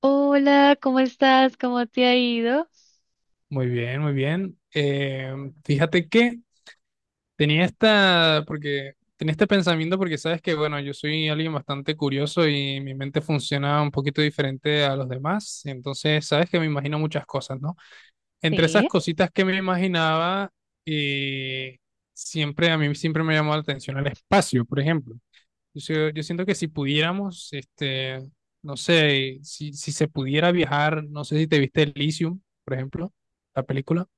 Hola, ¿cómo estás? ¿Cómo te ha ido? Muy bien, muy bien. Fíjate que tenía este pensamiento porque sabes que, bueno, yo soy alguien bastante curioso y mi mente funciona un poquito diferente a los demás. Entonces, sabes que me imagino muchas cosas, ¿no? Entre esas Sí. cositas que me imaginaba, eh, siempre a mí siempre me llamó la atención el espacio, por ejemplo. Yo siento que si pudiéramos, no sé, si se pudiera viajar, no sé si te viste Elysium, por ejemplo, la película.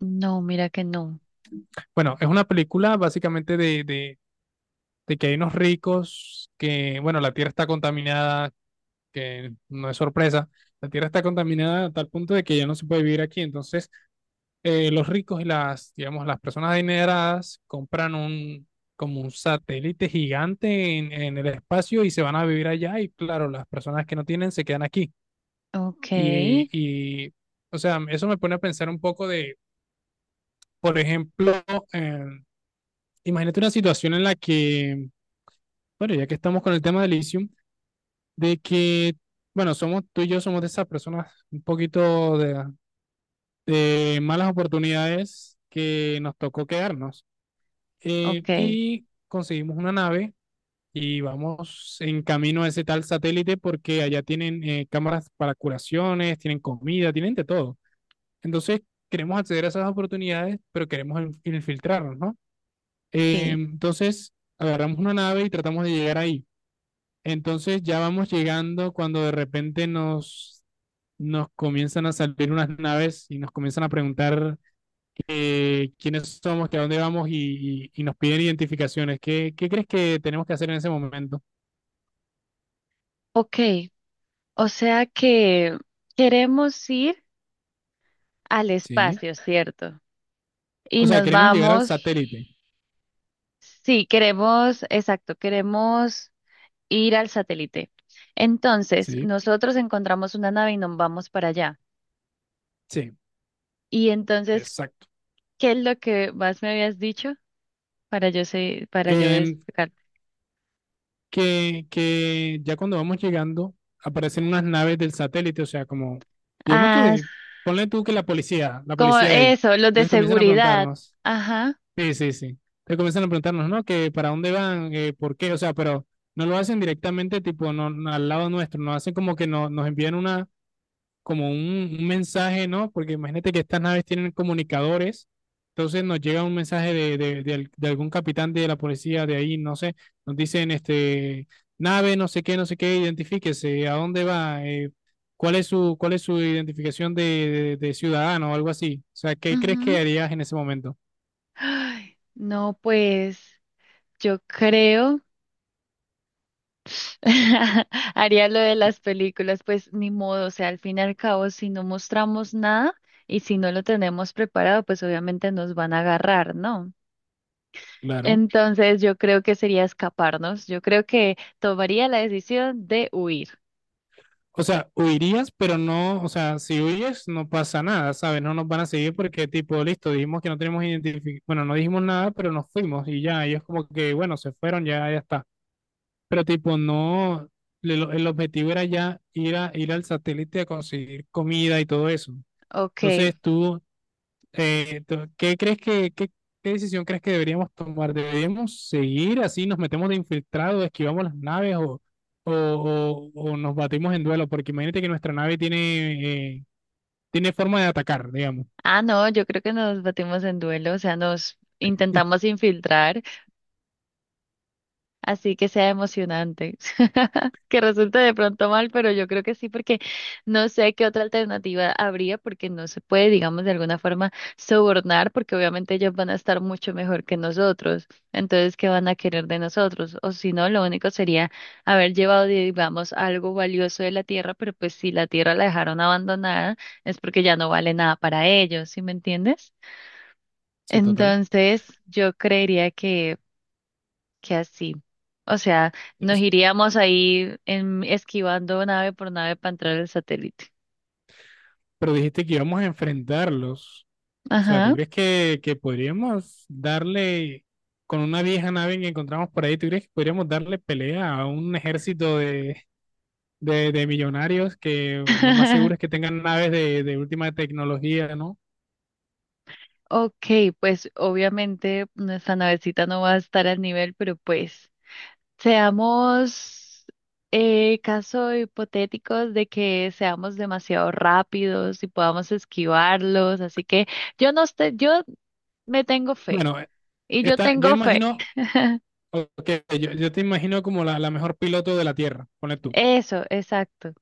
No, mira que no. Bueno, es una película básicamente de que hay unos ricos que, bueno, la tierra está contaminada, que no es sorpresa, la tierra está contaminada a tal punto de que ya no se puede vivir aquí. Entonces, los ricos y las, digamos, las personas adineradas compran un, como un satélite gigante en el espacio y se van a vivir allá y claro, las personas que no tienen se quedan aquí. Ok, Y, y o sea, eso me pone a pensar un poco de, por ejemplo, eh, imagínate una situación en la que bueno, ya que estamos con el tema del Elysium, de que, bueno, somos tú y yo somos de esas personas un poquito de malas oportunidades que nos tocó quedarnos. Ok, Y conseguimos una nave y vamos en camino a ese tal satélite porque allá tienen cámaras para curaciones, tienen comida, tienen de todo. Entonces, queremos acceder a esas oportunidades, pero queremos infiltrarnos, ¿no? Sí. Entonces, agarramos una nave y tratamos de llegar ahí. Entonces ya vamos llegando cuando de repente nos comienzan a salir unas naves y nos comienzan a preguntar quiénes somos, que a dónde vamos y nos piden identificaciones. ¿Qué, qué crees que tenemos que hacer en ese momento? Ok, o sea que queremos ir al Sí. espacio, ¿cierto? Y O sea, nos queremos llegar al vamos, satélite. sí, queremos, exacto, queremos ir al satélite. Entonces, Sí. nosotros encontramos una nave y nos vamos para allá. Sí, Y entonces, exacto. ¿qué es lo que más me habías dicho para yo sé, para yo Em, explicar? que ya cuando vamos llegando aparecen unas naves del satélite, o sea, como, digamos Ah, que, ponle tú que la como policía de ahí. eso, los de Entonces comienzan a seguridad. preguntarnos. Ajá. Sí, sí, sí. Te comienzan a preguntarnos, ¿no? Que para dónde van, que por qué, o sea, pero no lo hacen directamente, tipo, no, no al lado nuestro, no hacen como que no, nos envían una, como un mensaje, ¿no? Porque imagínate que estas naves tienen comunicadores, entonces nos llega un mensaje de algún capitán de la policía de ahí, no sé, nos dicen, este, nave, no sé qué, no sé qué, identifíquese, ¿a dónde va? ¿Cuál es su, cuál es su identificación de ciudadano o algo así? O sea, ¿qué crees que Ujú. harías en ese momento? Ay, no, pues yo creo haría lo de las películas, pues ni modo, o sea, al fin y al cabo, si no mostramos nada y si no lo tenemos preparado, pues obviamente nos van a agarrar, ¿no? Claro. Entonces yo creo que sería escaparnos, yo creo que tomaría la decisión de huir. O sea, huirías, pero no, o sea, si huyes no pasa nada, ¿sabes? No nos van a seguir porque tipo, listo, dijimos que no tenemos identificación, bueno, no dijimos nada, pero nos fuimos y ya, ellos como que, bueno, se fueron, ya, ya está. Pero tipo, no, el objetivo era ya ir a, ir al satélite a conseguir comida y todo eso. Ok. Entonces tú ¿qué crees que, qué, qué decisión crees que deberíamos tomar? ¿Deberíamos seguir así, nos metemos de infiltrado, esquivamos las naves o nos batimos en duelo? Porque imagínate que nuestra nave tiene, tiene forma de atacar, digamos. Ah, no, yo creo que nos batimos en duelo, o sea, nos intentamos infiltrar. Así que sea emocionante. Que resulte de pronto mal, pero yo creo que sí, porque no sé qué otra alternativa habría, porque no se puede, digamos, de alguna forma sobornar, porque obviamente ellos van a estar mucho mejor que nosotros. Entonces, ¿qué van a querer de nosotros? O si no, lo único sería haber llevado, digamos, algo valioso de la tierra, pero pues si la tierra la dejaron abandonada, es porque ya no vale nada para ellos, ¿sí me entiendes? Sí, total. Entonces, yo creería que así. O sea, nos Es- iríamos ahí esquivando nave por nave para entrar al satélite. Pero dijiste que íbamos a enfrentarlos. O sea, ¿tú Ajá. crees que podríamos darle con una vieja nave que encontramos por ahí? ¿Tú crees que podríamos darle pelea a un ejército de millonarios que lo más seguro es que tengan naves de última tecnología, ¿no? Ok, pues obviamente nuestra navecita no va a estar al nivel, pero pues seamos caso hipotéticos de que seamos demasiado rápidos y podamos esquivarlos, así que yo no estoy, yo me tengo fe Bueno, y yo esta, yo tengo fe. imagino, ok, yo te imagino como la mejor piloto de la Tierra, ponle tú. Eso, exacto.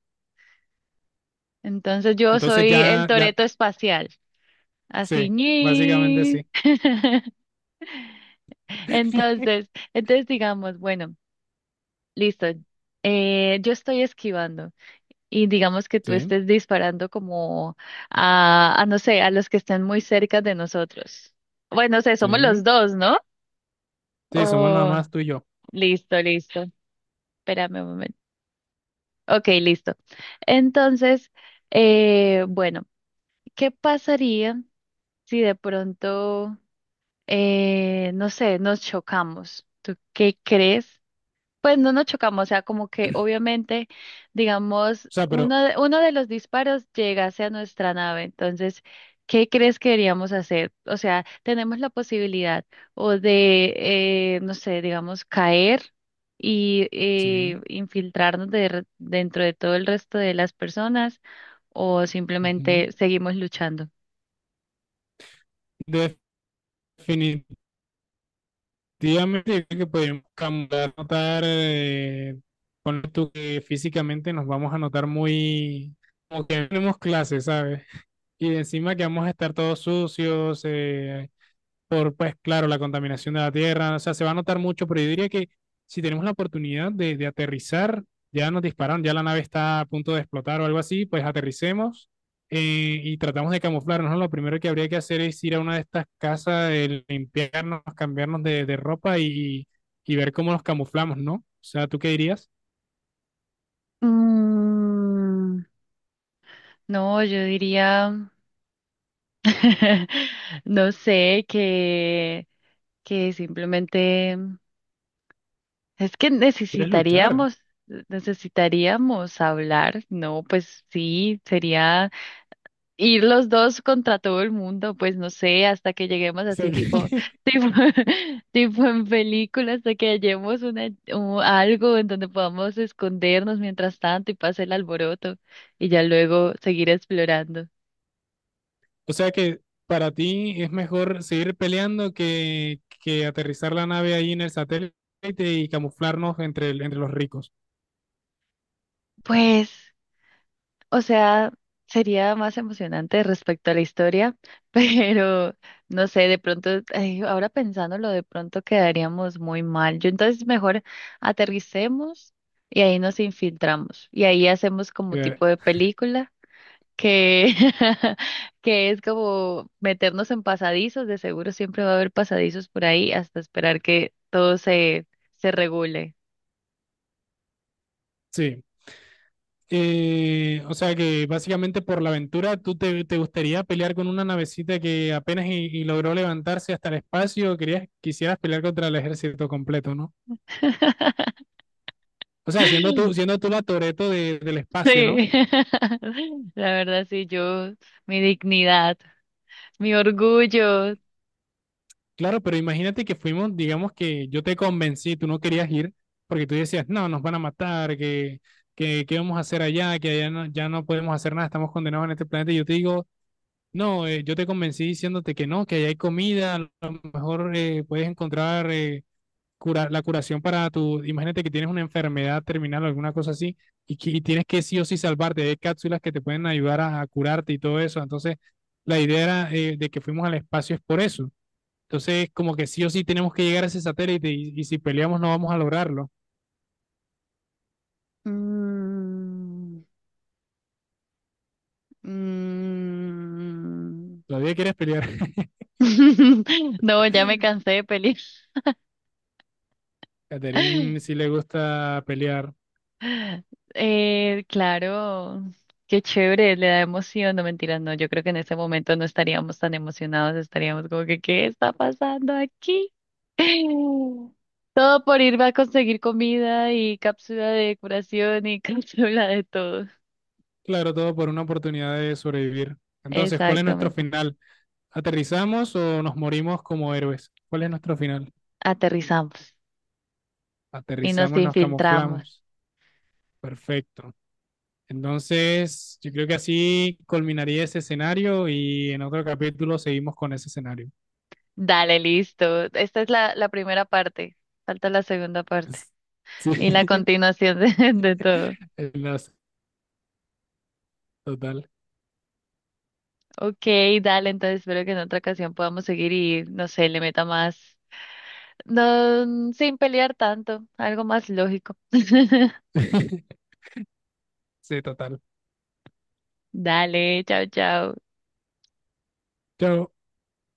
Entonces yo soy el Ya, Toreto espacial. Así, sí, básicamente ñi. sí. Entonces, entonces, digamos, bueno, listo. Yo estoy esquivando y digamos que tú Sí, estés disparando como a, no sé, a los que estén muy cerca de nosotros. Bueno, o sea, somos sí, los dos, ¿no? sí, somos nada Oh, más tú y yo. O listo, listo. Espérame un momento. Ok, listo. Entonces, bueno, ¿qué pasaría si de pronto, no sé, nos chocamos? ¿Tú qué crees? Pues no nos chocamos, o sea, como que obviamente, digamos, sea, pero uno de los disparos llegase a nuestra nave. Entonces, ¿qué crees que deberíamos hacer? O sea, tenemos la posibilidad o de, no sé, digamos, caer y sí. infiltrarnos dentro de todo el resto de las personas o Ujú. simplemente seguimos luchando. Definitivamente yo creo que podemos cambiar, notar, ponle tú que físicamente nos vamos a notar muy, como que no tenemos clases, ¿sabes? Y encima que vamos a estar todos sucios, por, pues claro, la contaminación de la tierra, o sea, se va a notar mucho, pero yo diría que si tenemos la oportunidad de aterrizar, ya nos dispararon, ya la nave está a punto de explotar o algo así, pues aterricemos, eh, y tratamos de camuflarnos, ¿no? Lo primero que habría que hacer es ir a una de estas casas, limpiarnos, cambiarnos de ropa y ver cómo nos camuflamos, ¿no? O sea, ¿tú qué dirías? Mm, no, yo diría, no sé, que simplemente es que ¿Quieres luchar? O necesitaríamos hablar, ¿no? Pues sí, sería ir los dos contra todo el mundo, pues no sé, hasta que lleguemos así sea, tipo, tipo en películas, hasta que hallemos algo en donde podamos escondernos mientras tanto y pase el alboroto y ya luego seguir explorando. o sea que para ti es mejor seguir peleando que aterrizar la nave ahí en el satélite y camuflarnos entre, entre los ricos. Pues. O sea, sería más emocionante respecto a la historia, pero no sé, de pronto, ay, ahora pensándolo, de pronto quedaríamos muy mal. Yo entonces mejor aterricemos y ahí nos infiltramos y ahí hacemos como Eh, tipo de película que, que es como meternos en pasadizos, de seguro siempre va a haber pasadizos por ahí hasta esperar que todo se regule. sí. O sea que básicamente por la aventura, ¿tú te, te gustaría pelear con una navecita que apenas y logró levantarse hasta el espacio? Querías, quisieras pelear contra el ejército completo, ¿no? O sea, siendo tú la Toretto del espacio, ¿no? Sí, la verdad sí, yo, mi dignidad, mi orgullo. Claro, pero imagínate que fuimos, digamos que yo te convencí, tú no querías ir, porque tú decías, no, nos van a matar, que, ¿qué vamos a hacer allá? Que allá no, ya no podemos hacer nada, estamos condenados en este planeta. Y yo te digo, no, yo te convencí diciéndote que no, que allá hay comida, a lo mejor puedes encontrar la curación para tu, imagínate que tienes una enfermedad terminal o alguna cosa así, y tienes que sí o sí salvarte, hay cápsulas que te pueden ayudar a curarte y todo eso. Entonces, la idea era, de que fuimos al espacio es por eso, entonces, como que sí o sí tenemos que llegar a ese satélite y si peleamos no vamos a lograrlo. Mm, mm. Todavía quieres pelear. No, ya me cansé de pelear. Catherine sí le gusta pelear. Claro, qué chévere, le da emoción, no mentiras, no, yo creo que en ese momento no estaríamos tan emocionados, estaríamos como que, ¿qué está pasando aquí? Todo por ir a conseguir comida y cápsula de curación y cápsula de todo. Claro, todo por una oportunidad de sobrevivir. Entonces, ¿cuál es nuestro Exactamente. final? ¿Aterrizamos o nos morimos como héroes? ¿Cuál es nuestro final? Aterrizamos y nos Aterrizamos, nos infiltramos. camuflamos. Perfecto. Entonces, yo creo que así culminaría ese escenario y en otro capítulo seguimos con ese escenario. Dale, listo. Esta es la primera parte. Falta la segunda parte Sí, y la continuación de todo. enlace, total. Ok, dale, entonces espero que en otra ocasión podamos seguir y, no sé, le meta más, no, sin pelear tanto, algo más lógico. Sí, total. Dale, chao, chao. Chao.